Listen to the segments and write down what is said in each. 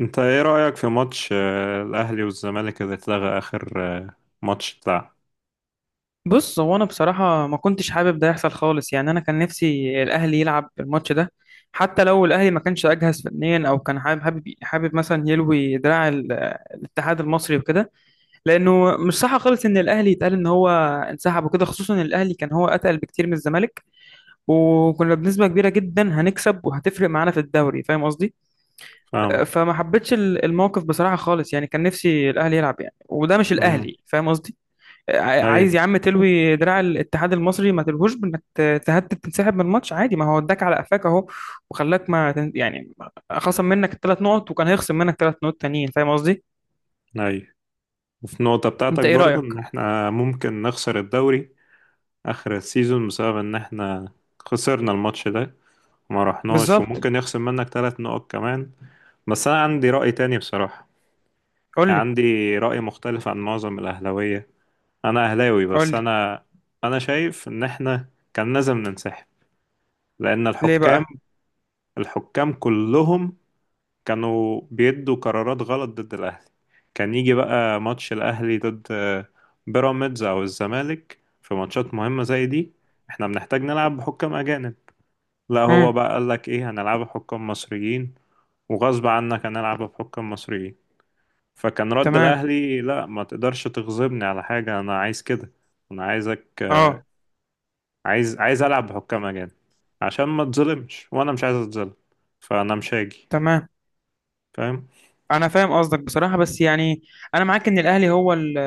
انت ايه رأيك في ماتش الاهلي والزمالك اللي اتلغى اخر ماتش بتاع بص، هو انا بصراحه ما كنتش حابب ده يحصل خالص، يعني انا كان نفسي الاهلي يلعب الماتش ده. حتى لو الاهلي ما كانش اجهز فنيا، او كان حابب مثلا يلوي دراع الاتحاد المصري وكده، لانه مش صح خالص ان الاهلي يتقال ان هو انسحب وكده، خصوصا ان الاهلي كان هو اتقل بكتير من الزمالك، وكنا بنسبه كبيره جدا هنكسب، وهتفرق معانا في الدوري، فاهم قصدي؟ فاهم. فما حبيتش الموقف بصراحه خالص، يعني كان نفسي الاهلي يلعب، يعني وده مش امم. الاهلي، فاهم قصدي؟ اي. عايز يا عم تلوي دراع الاتحاد المصري، ما تلوهوش بانك تهدد تنسحب من الماتش عادي، ما هو اداك على قفاك اهو، وخلاك ما تن- يعني خصم منك الثلاث نقط، وكان هيخصم منك 3 نقط تانيين، فاهم قصدي؟ اي. وفي النقطة انت بتاعتك ايه برضو رايك؟ ان احنا ممكن نخسر الدوري اخر السيزون بسبب ان احنا خسرنا الماتش ده وما رحناش بالظبط. وممكن يخصم منك 3 نقط كمان. بس انا عندي رأي تاني بصراحة، قول يعني لي، عندي رأي مختلف عن معظم الاهلاوية. انا اهلاوي قول بس لي. انا انا شايف ان احنا كان لازم ننسحب لان ليه الحكام بقى؟ الحكام كلهم كانوا بيدوا قرارات غلط ضد الأهلي. كان يجي بقى ماتش الأهلي ضد بيراميدز أو الزمالك في ماتشات مهمة زي دي احنا بنحتاج نلعب بحكام أجانب. لا هو امم. بقى قالك ايه، هنلعب بحكام مصريين وغصب عنك هنلعب بحكام مصريين. فكان رد تمام. الأهلي لا ما تقدرش تغضبني على حاجة أنا عايز كده. أنا عايزك اه، عايز ألعب بحكام أجانب عشان ما تظلمش وأنا مش عايز أتظلم، فأنا مش هاجي. تمام. فاهم. انا فاهم قصدك بصراحه، بس يعني انا معاك ان الاهلي هو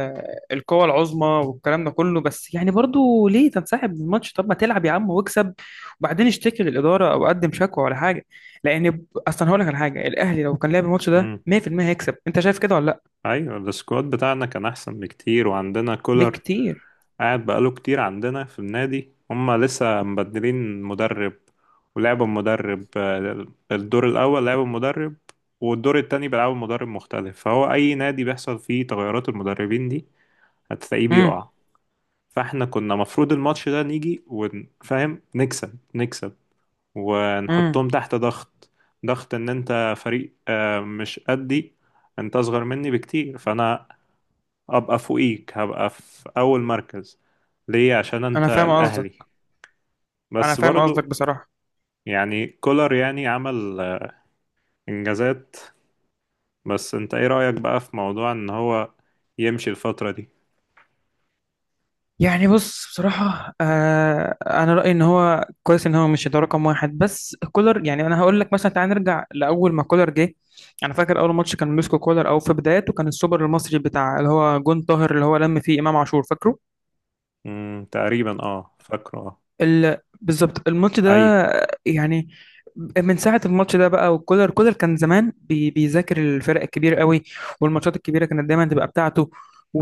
القوه العظمى والكلام ده كله، بس يعني برضو ليه تنسحب من الماتش؟ طب ما تلعب يا عم واكسب، وبعدين اشتكي للاداره او قدم شكوى ولا حاجه. لان اصلا هقول لك على حاجه، الاهلي لو كان لعب الماتش ده 100% هيكسب، انت شايف كده ولا لا؟ ايوه السكواد بتاعنا كان احسن بكتير وعندنا كولر بكتير. قاعد بقاله كتير عندنا في النادي. هما لسه مبدلين مدرب ولعبوا المدرب الدور الاول لعبوا المدرب والدور التاني بيلعبوا مدرب مختلف، فهو اي نادي بيحصل فيه تغيرات المدربين دي هتلاقيه امم، بيقع. فاحنا كنا مفروض الماتش ده نيجي ونفهم نكسب امم. ونحطهم تحت ضغط. ضغط ان انت فريق مش قدي، انت اصغر مني بكتير فانا ابقى فوقيك هبقى في اول مركز. ليه؟ عشان انا انت فاهم قصدك. الاهلي. انا بس فاهم قصدك برضو بصراحه، يعني كولر يعني عمل انجازات. بس انت ايه رأيك بقى في موضوع ان هو يمشي الفترة دي؟ يعني بص، بصراحة أنا رأيي إن هو كويس إن هو مش ده رقم واحد، بس كولر يعني أنا هقول لك مثلا، تعال نرجع لأول ما كولر جه. أنا فاكر أول ماتش كان مسكو كولر أو في بداياته كان السوبر المصري بتاع اللي هو جون طاهر، اللي هو لم فيه إمام عاشور، فاكره؟ امم، تقريبا اه فاكره اه. بالظبط الماتش ده، اي. يعني من ساعة الماتش ده بقى، وكولر كان زمان بيذاكر الفرق الكبيرة قوي، والماتشات الكبيرة كانت دايما تبقى بتاعته،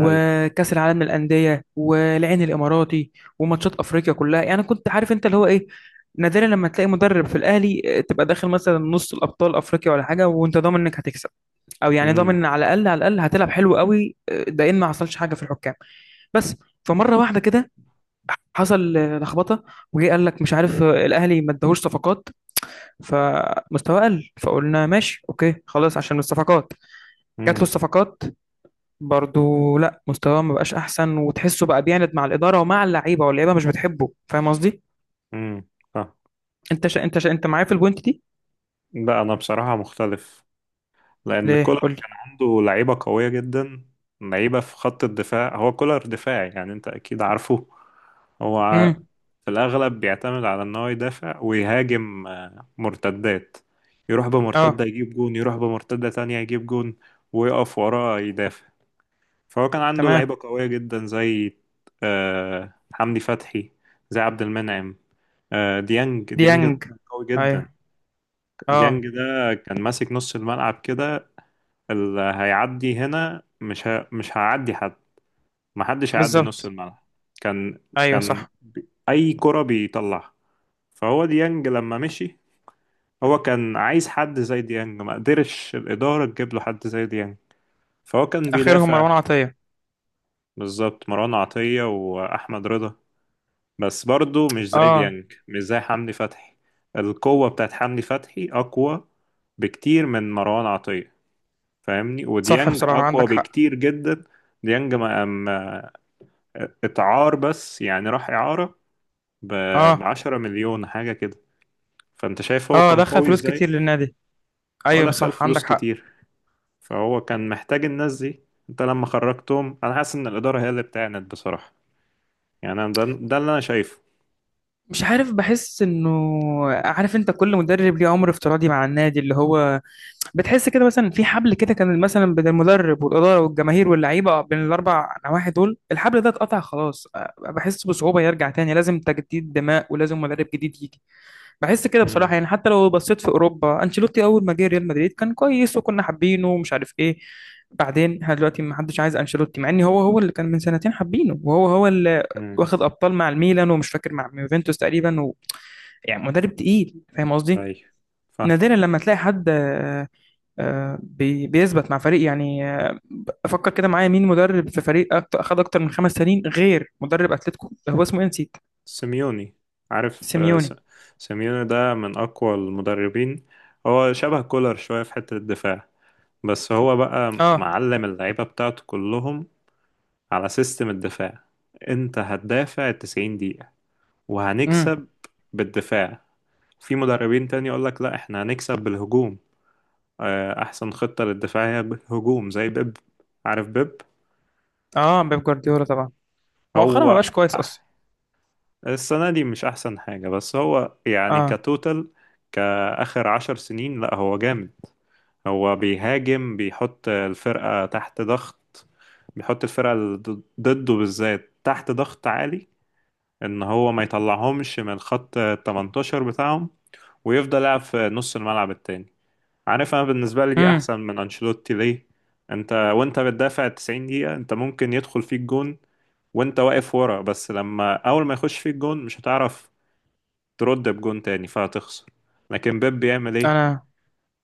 اي. العالم للأندية والعين الإماراتي، وماتشات أفريقيا كلها، يعني كنت عارف أنت اللي هو إيه. نادرا لما تلاقي مدرب في الأهلي تبقى داخل مثلا نص الأبطال أفريقيا ولا حاجة وأنت ضامن إنك هتكسب، أو يعني امم. ضامن على الأقل، على الأقل هتلعب حلو قوي، ده إن ما حصلش حاجة في الحكام. بس فمرة واحدة كده حصل لخبطه، وجي قال لك مش عارف، الاهلي ما اداهوش صفقات، فمستواه قل، فقلنا ماشي، اوكي، خلاص عشان الصفقات. جات له امم. الصفقات، برضو لا، مستواه ما بقاش احسن، وتحسه بقى بيعند مع الاداره ومع اللعيبه، واللعيبه مش بتحبه، فاهم قصدي؟ امم. اه. انت معايا في البوينت دي؟ لا انا بصراحة مختلف لان ليه؟ كولر قول لي. كان عنده لعيبة قوية جدا، لعيبة في خط الدفاع. هو كولر دفاعي، يعني انت اكيد عارفه. هو امم. في الأغلب بيعتمد على إن هو يدافع ويهاجم مرتدات. يروح بمرتدة اه، يجيب جون، يروح بمرتدة تانية يجيب جون ويقف وراه يدافع. فهو كان عنده تمام. لعيبة قوية جدا زي حمدي فتحي، زي عبد المنعم، ديانج ده ديانج. كان قوي جدا. ايوه. اه. ديانج ده كان ماسك نص الملعب كده. اللي هيعدي هنا مش هيعدي حد، محدش هيعدي نص بالظبط. الملعب. كان ايوه، كان صح. أي كرة بيطلعها. فهو ديانج لما مشي هو كان عايز حد زي ديانج، ما قدرش الإدارة تجيب له حد زي ديانج، فهو كان اخرهم بيدافع. مروان عطيه. بالظبط مروان عطية وأحمد رضا، بس برضه مش زي اه، ديانج مش زي حمدي فتحي. القوة بتاعت حمدي فتحي أقوى بكتير من مروان عطية، فاهمني؟ صح، وديانج بصراحه أقوى عندك حق. بكتير جدا. ديانج ما ما- اتعار، بس يعني راح إعارة اه، ب10 مليون حاجة كده. فأنت شايف هو اه، كان دخل قوي فلوس كتير إزاي؟ للنادي. هو ايوه دخل صح، فلوس عندك حق. كتير، فهو كان محتاج الناس دي. انت لما خرجتهم انا حاسس ان الاداره هي اللي بتعند بصراحه. يعني انا ده اللي انا شايفه. مش عارف، بحس انه، عارف انت كل مدرب ليه عمر افتراضي مع النادي اللي هو، بتحس كده مثلا في حبل كده كان مثلا بين المدرب والاداره والجماهير واللعيبه، بين الاربع نواحي دول، الحبل ده اتقطع خلاص. بحس بصعوبه يرجع تاني، لازم تجديد دماء ولازم مدرب جديد يجي. بحس كده بصراحه، امم. يعني حتى لو بصيت في اوروبا، انشيلوتي اول ما جه ريال مدريد كان كويس، وكنا حابينه، ومش عارف ايه. بعدين احنا دلوقتي ما حدش عايز انشيلوتي، مع ان هو هو اللي كان من سنتين حابينه، وهو هو اللي امم. واخد ابطال مع الميلان، ومش فاكر مع يوفنتوس تقريبا، يعني مدرب تقيل، فاهم قصدي؟ ايوه. فاهم. نادرا لما تلاقي حد بيثبت مع فريق، يعني، افكر كده معايا، مين مدرب في فريق اخد اكتر من 5 سنين غير مدرب اتلتيكو، هو اسمه ايه، نسيت. سيميوني. عارف سيميوني. سيميوني ده من اقوى المدربين. هو شبه كولر شويه في حته الدفاع، بس هو بقى اه. معلم اللعيبه بتاعته كلهم على سيستم الدفاع. انت هتدافع 90 دقيقه امم. وهنكسب بالدفاع. في مدربين تاني يقولك لا احنا هنكسب بالهجوم، احسن خطة للدفاعية هجوم زي بيب. عارف بيب؟ اه، بيب جوارديولا طبعا. مؤخرا ما هو بقاش كويس اصلا. السنة دي مش احسن حاجة بس هو يعني اه. كتوتال، كآخر 10 سنين لا هو جامد. هو بيهاجم، بيحط الفرقة تحت ضغط، بيحط الفرقة اللي ضده بالذات تحت ضغط عالي ان هو ما يطلعهمش من الخط 18 بتاعهم، ويفضل يلعب في نص الملعب التاني. عارف، انا بالنسبه لي دي امم. احسن من انشيلوتي. ليه؟ انت وانت بتدافع 90 دقيقه انت ممكن يدخل فيك جون وانت واقف ورا، بس لما اول ما يخش فيك جون مش هتعرف ترد بجون تاني فهتخسر. لكن بيب بيعمل ايه؟ انا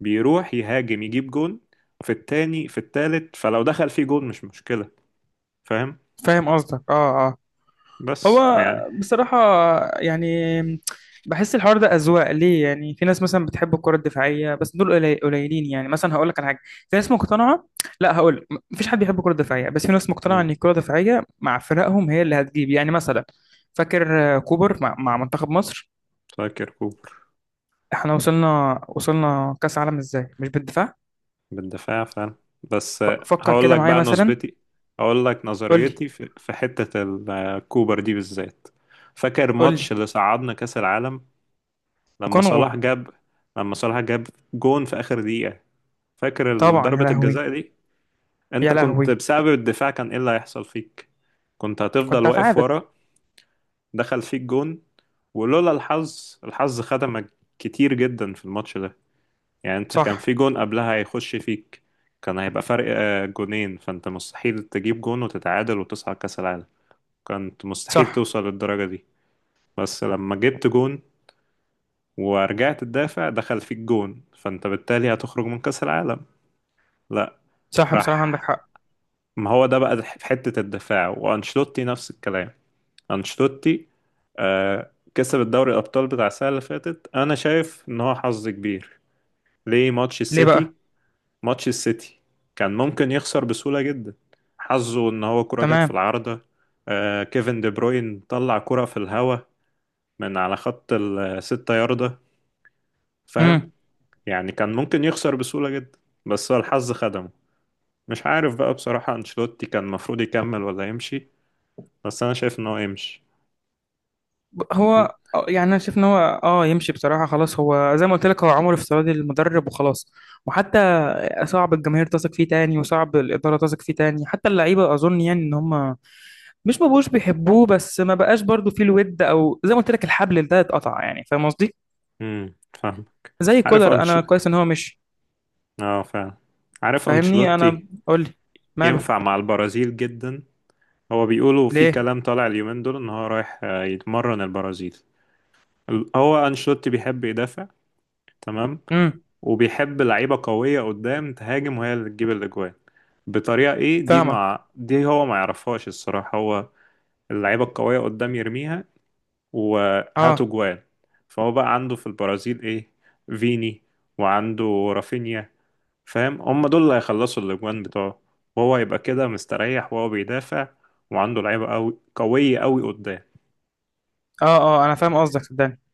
بيروح يهاجم يجيب جون في التاني في التالت، فلو دخل فيه جون مش مشكله. فاهم. فاهم قصدك. اه، اه. هو بس يعني بصراحة، يعني بحس الحوار ده أذواق، ليه؟ يعني في ناس مثلا بتحب الكرة الدفاعية، بس دول قليلين، يعني مثلا هقول لك على حاجة، في ناس مقتنعة، لا، هقول لك مفيش حد بيحب الكرة الدفاعية، بس في ناس مقتنعة إن امم. الكرة الدفاعية مع فرقهم هي اللي هتجيب، يعني مثلا فاكر كوبر مع منتخب مصر. فاكر كوبر. احنا وصلنا كأس عالم ازاي؟ مش بالدفاع. بالدفاع فعلا. بس فكر هقول كده لك معايا بقى مثلا. نظرتي، هقول لك قول لي. نظريتي في حتة الكوبر دي بالذات. فاكر قول ماتش لي. اللي صعدنا كأس العالم؟ لما كونغو. صلاح جاب لما صلاح جاب جون في آخر دقيقة. فاكر طبعا، يا ضربة لهوي. الجزاء دي؟ انت يا كنت لهوي. بسبب الدفاع كان ايه اللي هيحصل فيك؟ كنت هتفضل كنت واقف هتعادل. ورا، دخل فيك جون، ولولا الحظ، الحظ خدمك كتير جدا في الماتش ده. يعني انت كان صح. في جون قبلها هيخش فيك، كان هيبقى فرق جونين. فانت مستحيل تجيب جون وتتعادل وتصعد كأس العالم، كانت مستحيل صح. توصل للدرجة دي. بس لما جبت جون ورجعت تدافع، دخل فيك جون فانت بالتالي هتخرج من كأس العالم. لا، صح بصراحة، عندك راح. حق. ما هو ده بقى في حتة الدفاع. وانشلوتي نفس الكلام. انشلوتي كسب الدوري الأبطال بتاع السنة اللي فاتت، أنا شايف إن هو حظ كبير. ليه؟ ماتش ليه السيتي. بقى؟ ماتش السيتي كان ممكن يخسر بسهولة جدا. حظه ان هو كرة جت في تمام. العارضة، آه كيفن دي بروين طلع كرة في الهوا من على خط ال6 ياردة. فاهم؟ امم. يعني كان ممكن يخسر بسهولة جدا، بس هو الحظ خدمه. مش عارف بقى بصراحة انشيلوتي كان المفروض يكمل ولا يمشي، بس انا شايف ان هو يمشي. هو يعني انا شايف ان هو، اه يمشي بصراحه، خلاص هو زي ما قلت لك، هو عمر افتراضي للمدرب وخلاص. وحتى صعب الجماهير تثق فيه تاني، وصعب الاداره تثق فيه تاني، حتى اللعيبه، اظن يعني ان هم مش ما بقوش بيحبوه، بس ما بقاش برضو فيه الود، او زي ما قلت لك الحبل ده اتقطع، يعني فاهم قصدي؟ امم. فاهم. زي عارف كولر انا انشل كويس ان هو مشي. اه فعلا. عارف فاهمني انا؟ انشيلوتي قول لي. ماله؟ ينفع مع البرازيل جدا. هو بيقولوا في ليه؟ كلام طالع اليومين دول ان هو رايح يتمرن البرازيل. هو أنشيلوتي بيحب يدافع، تمام، امم. وبيحب لعيبة قوية قدام تهاجم وهي اللي تجيب الأجوان. بطريقة إيه دي فاهمك. مع دي هو ما يعرفهاش الصراحة. هو اللعيبة القوية قدام يرميها وهاتوا اه، جوان. فهو بقى عنده في البرازيل إيه؟ فيني، وعنده رافينيا. فاهم؟ هم دول اللي هيخلصوا الأجوان بتوعه، وهو يبقى كده مستريح وهو بيدافع، وعنده لعيبة قوية قدام. اه، اه، انا فاهم قصدك صدقني.